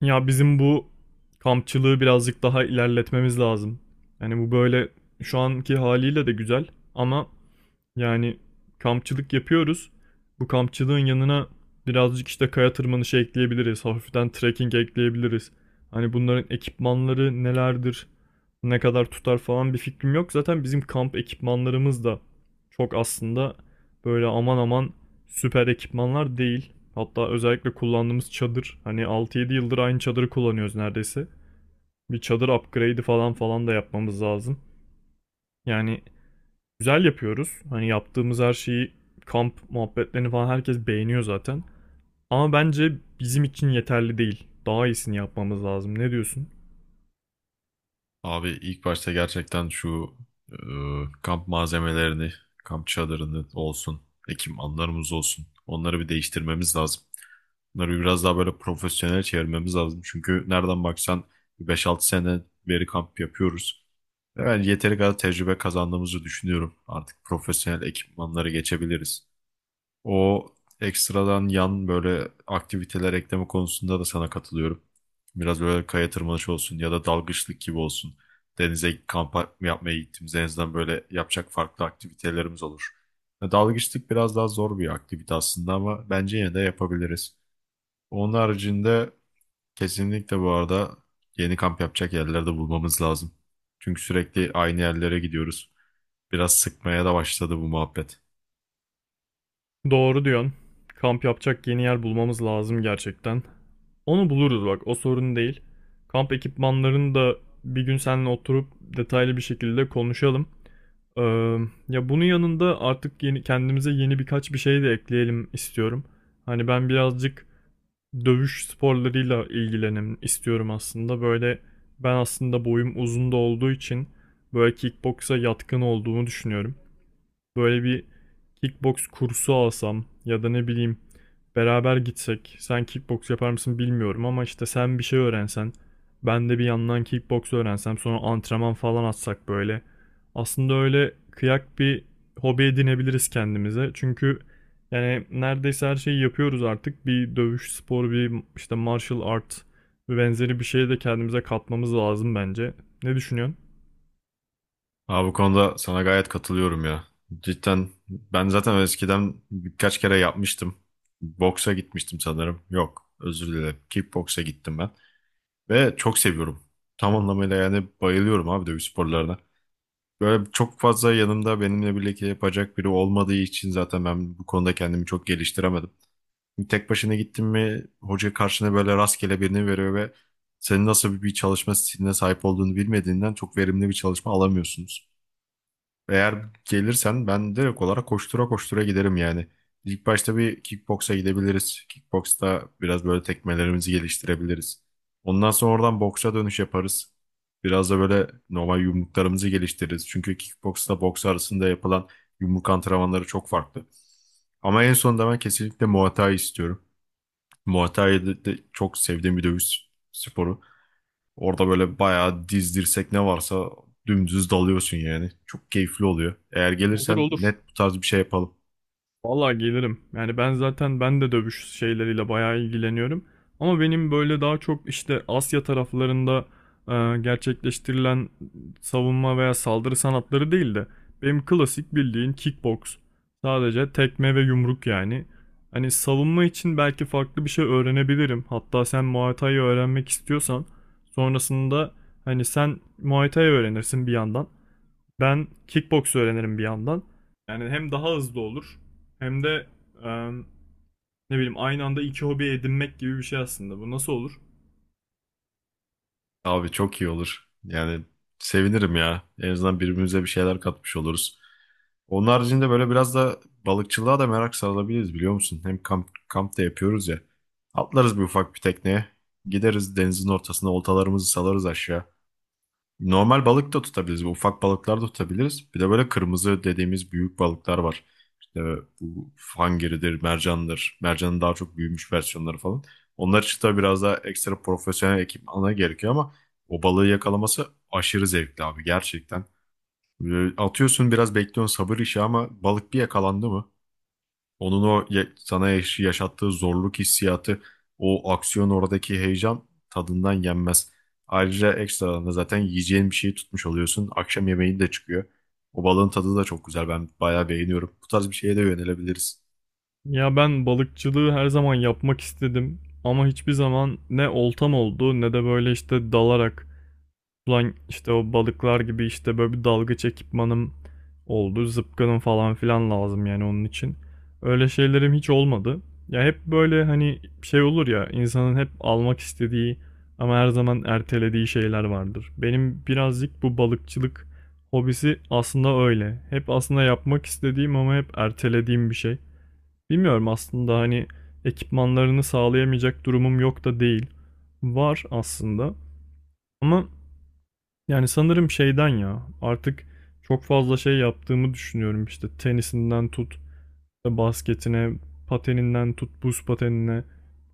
Ya bizim bu kampçılığı birazcık daha ilerletmemiz lazım. Yani bu böyle şu anki haliyle de güzel ama yani kampçılık yapıyoruz. Bu kampçılığın yanına birazcık işte kaya tırmanışı ekleyebiliriz. Hafiften trekking ekleyebiliriz. Hani bunların ekipmanları nelerdir, ne kadar tutar falan bir fikrim yok. Zaten bizim kamp ekipmanlarımız da çok aslında böyle aman aman süper ekipmanlar değil. Hatta özellikle kullandığımız çadır. Hani 6-7 yıldır aynı çadırı kullanıyoruz neredeyse. Bir çadır upgrade'i falan falan da yapmamız lazım. Yani güzel yapıyoruz. Hani yaptığımız her şeyi kamp muhabbetlerini falan herkes beğeniyor zaten. Ama bence bizim için yeterli değil. Daha iyisini yapmamız lazım. Ne diyorsun? Abi ilk başta gerçekten e, kamp malzemelerini, kamp çadırını olsun, ekipmanlarımız olsun. Onları bir değiştirmemiz lazım. Bunları biraz daha böyle profesyonel çevirmemiz lazım. Çünkü nereden baksan bir 5-6 sene beri kamp yapıyoruz. Ve ben yeteri kadar tecrübe kazandığımızı düşünüyorum. Artık profesyonel ekipmanlara geçebiliriz. O ekstradan yan böyle aktiviteler ekleme konusunda da sana katılıyorum. Biraz böyle kaya tırmanışı olsun ya da dalgıçlık gibi olsun. Denize kamp yapmaya gittiğimiz en azından böyle yapacak farklı aktivitelerimiz olur. Ya dalgıçlık biraz daha zor bir aktivite aslında ama bence yine de yapabiliriz. Onun haricinde kesinlikle bu arada yeni kamp yapacak yerlerde bulmamız lazım. Çünkü sürekli aynı yerlere gidiyoruz. Biraz sıkmaya da başladı bu muhabbet. Doğru diyorsun. Kamp yapacak yeni yer bulmamız lazım gerçekten. Onu buluruz bak, o sorun değil. Kamp ekipmanlarını da bir gün seninle oturup detaylı bir şekilde konuşalım. Ee, ya bunun yanında artık yeni kendimize yeni birkaç bir şey de ekleyelim istiyorum. Hani ben birazcık dövüş sporlarıyla ilgilenim istiyorum aslında. Böyle ben aslında boyum uzun da olduğu için böyle kickboksa yatkın olduğumu düşünüyorum. Böyle bir kickbox kursu alsam ya da ne bileyim beraber gitsek. Sen kickbox yapar mısın bilmiyorum ama işte sen bir şey öğrensen, ben de bir yandan kickbox öğrensem, sonra antrenman falan atsak böyle. Aslında öyle kıyak bir hobi edinebiliriz kendimize. Çünkü yani neredeyse her şeyi yapıyoruz artık. Bir dövüş sporu, bir işte martial art ve benzeri bir şeye de kendimize katmamız lazım bence. Ne düşünüyorsun? Abi bu konuda sana gayet katılıyorum ya. Cidden ben zaten eskiden birkaç kere yapmıştım. Boksa gitmiştim sanırım. Yok, özür dilerim. Kickboksa gittim ben. Ve çok seviyorum. Tam anlamıyla yani bayılıyorum abi dövüş sporlarına. Böyle çok fazla yanımda benimle birlikte yapacak biri olmadığı için zaten ben bu konuda kendimi çok geliştiremedim. Tek başına gittin mi hoca karşına böyle rastgele birini veriyor ve senin nasıl bir çalışma stiline sahip olduğunu bilmediğinden çok verimli bir çalışma alamıyorsunuz. Eğer gelirsen ben direkt olarak koştura koştura giderim yani. İlk başta bir kickboksa gidebiliriz. Kickboksta biraz böyle tekmelerimizi geliştirebiliriz. Ondan sonra oradan boksa dönüş yaparız. Biraz da böyle normal yumruklarımızı geliştiririz. Çünkü kickboksla boks arasında yapılan yumruk antrenmanları çok farklı. Ama en sonunda ben kesinlikle Muay Thai istiyorum. Muay Thai de de çok sevdiğim bir dövüş sporu. Orada böyle bayağı diz dirsek ne varsa dümdüz dalıyorsun yani. Çok keyifli oluyor. Eğer Olur gelirsen olur. net bu tarz bir şey yapalım. Vallahi gelirim. Yani ben zaten ben de dövüş şeyleriyle bayağı ilgileniyorum. Ama benim böyle daha çok işte Asya taraflarında gerçekleştirilen savunma veya saldırı sanatları değil de benim klasik bildiğin kickbox. Sadece tekme ve yumruk yani. Hani savunma için belki farklı bir şey öğrenebilirim. Hatta sen Muay Thai öğrenmek istiyorsan sonrasında hani sen Muay Thai öğrenirsin bir yandan. Ben kickbox öğrenirim bir yandan. Yani hem daha hızlı olur hem de e, ne bileyim aynı anda iki hobi edinmek gibi bir şey aslında. Bu nasıl olur? Abi çok iyi olur. Yani sevinirim ya. En azından birbirimize bir şeyler katmış oluruz. Onun haricinde böyle biraz da balıkçılığa da merak sarılabiliriz biliyor musun? Hem kamp da yapıyoruz ya. Atlarız bir ufak bir tekneye. Gideriz denizin ortasına oltalarımızı salarız aşağı. Normal balık da tutabiliriz. Ufak balıklar da tutabiliriz. Bir de böyle kırmızı dediğimiz büyük balıklar var. İşte bu hangiridir, mercandır. Mercanın daha çok büyümüş versiyonları falan. Onlar için tabii biraz daha ekstra profesyonel ekipmana gerekiyor ama o balığı yakalaması aşırı zevkli abi gerçekten. Böyle atıyorsun biraz bekliyorsun sabır işi ama balık bir yakalandı mı? Onun o ya- sana yaş- Yaşattığı zorluk hissiyatı, o aksiyon oradaki heyecan tadından yenmez. Ayrıca ekstradan da zaten yiyeceğin bir şeyi tutmuş oluyorsun. Akşam yemeğin de çıkıyor. O balığın tadı da çok güzel. Ben bayağı beğeniyorum. Bu tarz bir şeye de yönelebiliriz. Ya ben balıkçılığı her zaman yapmak istedim ama hiçbir zaman ne oltam oldu ne de böyle işte dalarak Ulan işte o balıklar gibi işte böyle bir dalgıç ekipmanım oldu. Zıpkınım falan filan lazım yani onun için. Öyle şeylerim hiç olmadı. Ya hep böyle hani şey olur ya insanın hep almak istediği ama her zaman ertelediği şeyler vardır. Benim birazcık bu balıkçılık hobisi aslında öyle. Hep aslında yapmak istediğim ama hep ertelediğim bir şey. Bilmiyorum aslında hani ekipmanlarını sağlayamayacak durumum yok da değil. Var aslında. Ama yani sanırım şeyden ya artık çok fazla şey yaptığımı düşünüyorum işte tenisinden tut basketine pateninden tut buz patenine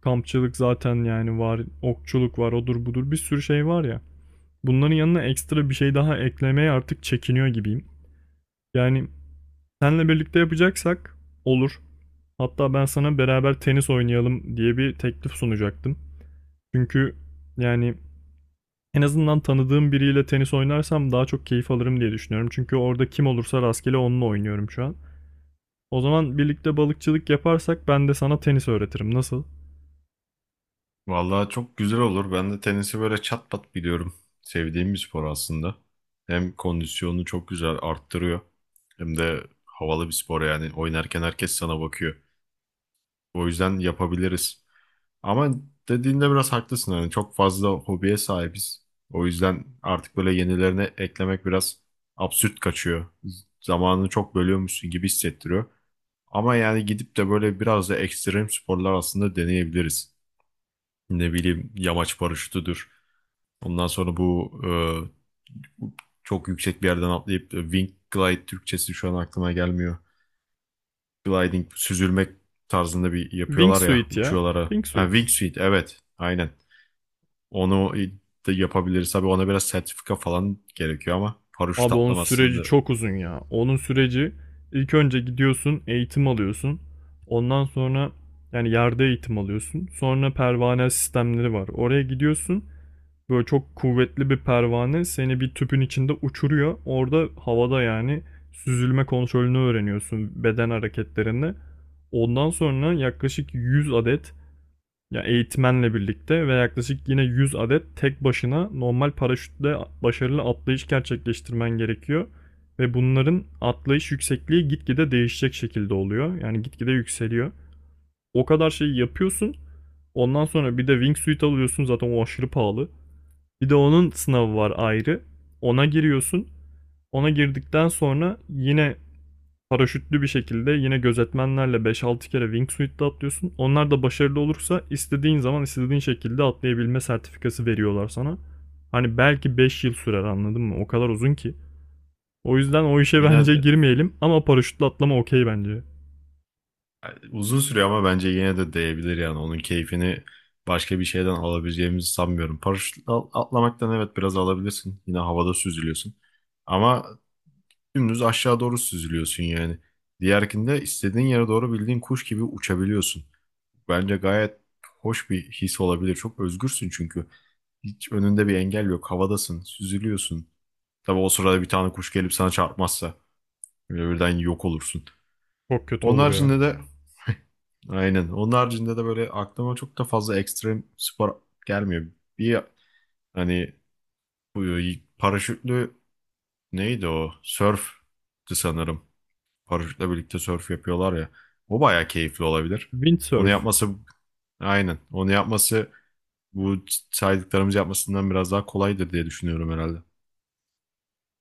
kampçılık zaten yani var okçuluk var odur budur bir sürü şey var ya bunların yanına ekstra bir şey daha eklemeye artık çekiniyor gibiyim. Yani senle birlikte yapacaksak olur hatta ben sana beraber tenis oynayalım diye bir teklif sunacaktım. Çünkü yani en azından tanıdığım biriyle tenis oynarsam daha çok keyif alırım diye düşünüyorum. Çünkü orada kim olursa rastgele onunla oynuyorum şu an. O zaman birlikte balıkçılık yaparsak ben de sana tenis öğretirim. Nasıl? Vallahi çok güzel olur. Ben de tenisi böyle çat pat biliyorum. Sevdiğim bir spor aslında. Hem kondisyonunu çok güzel arttırıyor. Hem de havalı bir spor yani. Oynarken herkes sana bakıyor. O yüzden yapabiliriz. Ama dediğinde biraz haklısın. Yani çok fazla hobiye sahibiz. O yüzden artık böyle yenilerini eklemek biraz absürt kaçıyor. Zamanını çok bölüyormuşsun gibi hissettiriyor. Ama yani gidip de böyle biraz da ekstrem sporlar aslında deneyebiliriz. Ne bileyim yamaç paraşütüdür. Ondan sonra çok yüksek bir yerden atlayıp, wing glide Türkçesi şu an aklıma gelmiyor. Gliding, süzülmek tarzında bir yapıyorlar ya Wingsuit ya. uçuyorlara. Ha, Wingsuit. wingsuit evet aynen. Onu da yapabiliriz. Tabii ona biraz sertifika falan gerekiyor ama paraşüt Abi onun süreci atlamasını çok uzun ya. Onun süreci ilk önce gidiyorsun, eğitim alıyorsun. Ondan sonra yani yerde eğitim alıyorsun. Sonra pervane sistemleri var. Oraya gidiyorsun. Böyle çok kuvvetli bir pervane seni bir tüpün içinde uçuruyor. Orada havada yani süzülme kontrolünü öğreniyorsun beden hareketlerini. Ondan sonra yaklaşık 100 adet ya yani eğitmenle birlikte ve yaklaşık yine 100 adet tek başına normal paraşütle başarılı atlayış gerçekleştirmen gerekiyor. Ve bunların atlayış yüksekliği gitgide değişecek şekilde oluyor. Yani gitgide yükseliyor. O kadar şeyi yapıyorsun. Ondan sonra bir de wingsuit alıyorsun zaten o aşırı pahalı. Bir de onun sınavı var ayrı. Ona giriyorsun. Ona girdikten sonra yine paraşütlü bir şekilde yine gözetmenlerle 5-6 kere wingsuit'te atlıyorsun. Onlar da başarılı olursa istediğin zaman istediğin şekilde atlayabilme sertifikası veriyorlar sana. Hani belki 5 yıl sürer anladın mı? O kadar uzun ki. O yüzden o işe yine bence de girmeyelim ama paraşütle atlama okey bence. uzun sürüyor ama bence yine de değebilir yani. Onun keyfini başka bir şeyden alabileceğimizi sanmıyorum. Atlamaktan evet biraz alabilirsin. Yine havada süzülüyorsun. Ama dümdüz aşağı doğru süzülüyorsun yani. Diğerkinde istediğin yere doğru bildiğin kuş gibi uçabiliyorsun. Bence gayet hoş bir his olabilir. Çok özgürsün çünkü. Hiç önünde bir engel yok. Havadasın, süzülüyorsun. Tabii o sırada bir tane kuş gelip sana çarpmazsa böyle birden yok olursun. Çok kötü Onun olur ya. haricinde de aynen. Onun haricinde de böyle aklıma çok da fazla ekstrem spor gelmiyor. Bir hani bu paraşütlü neydi o? Sörftü sanırım. Paraşütle birlikte sörf yapıyorlar ya. O bayağı keyifli olabilir. Onu Windsurf. yapması aynen. Onu yapması bu saydıklarımız yapmasından biraz daha kolaydır diye düşünüyorum herhalde.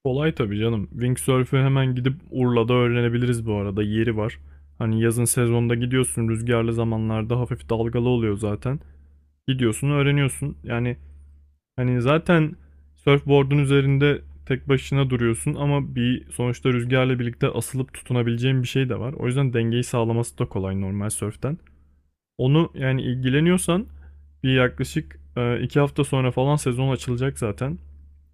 Kolay tabii canım. Windsurf'ü hemen gidip Urla'da öğrenebiliriz bu arada. Yeri var. Hani yazın sezonda gidiyorsun rüzgarlı zamanlarda hafif dalgalı oluyor zaten. Gidiyorsun öğreniyorsun. Yani hani zaten surfboard'un üzerinde tek başına duruyorsun ama bir sonuçta rüzgarla birlikte asılıp tutunabileceğin bir şey de var. O yüzden dengeyi sağlaması da kolay normal surf'ten. Onu yani ilgileniyorsan bir yaklaşık 2 hafta sonra falan sezon açılacak zaten.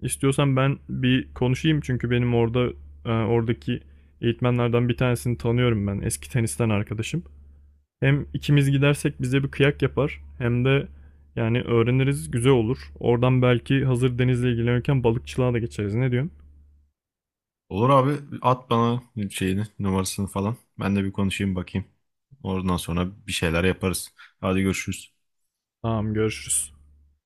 İstiyorsan ben bir konuşayım çünkü benim orada oradaki eğitmenlerden bir tanesini tanıyorum ben. Eski tenisten arkadaşım. Hem ikimiz gidersek bize bir kıyak yapar hem de yani öğreniriz güzel olur. Oradan belki hazır denizle ilgilenirken balıkçılığa da geçeriz. Ne diyorsun? Olur abi at bana numarasını falan. Ben de bir konuşayım bakayım. Oradan sonra bir şeyler yaparız. Hadi görüşürüz. Tamam görüşürüz.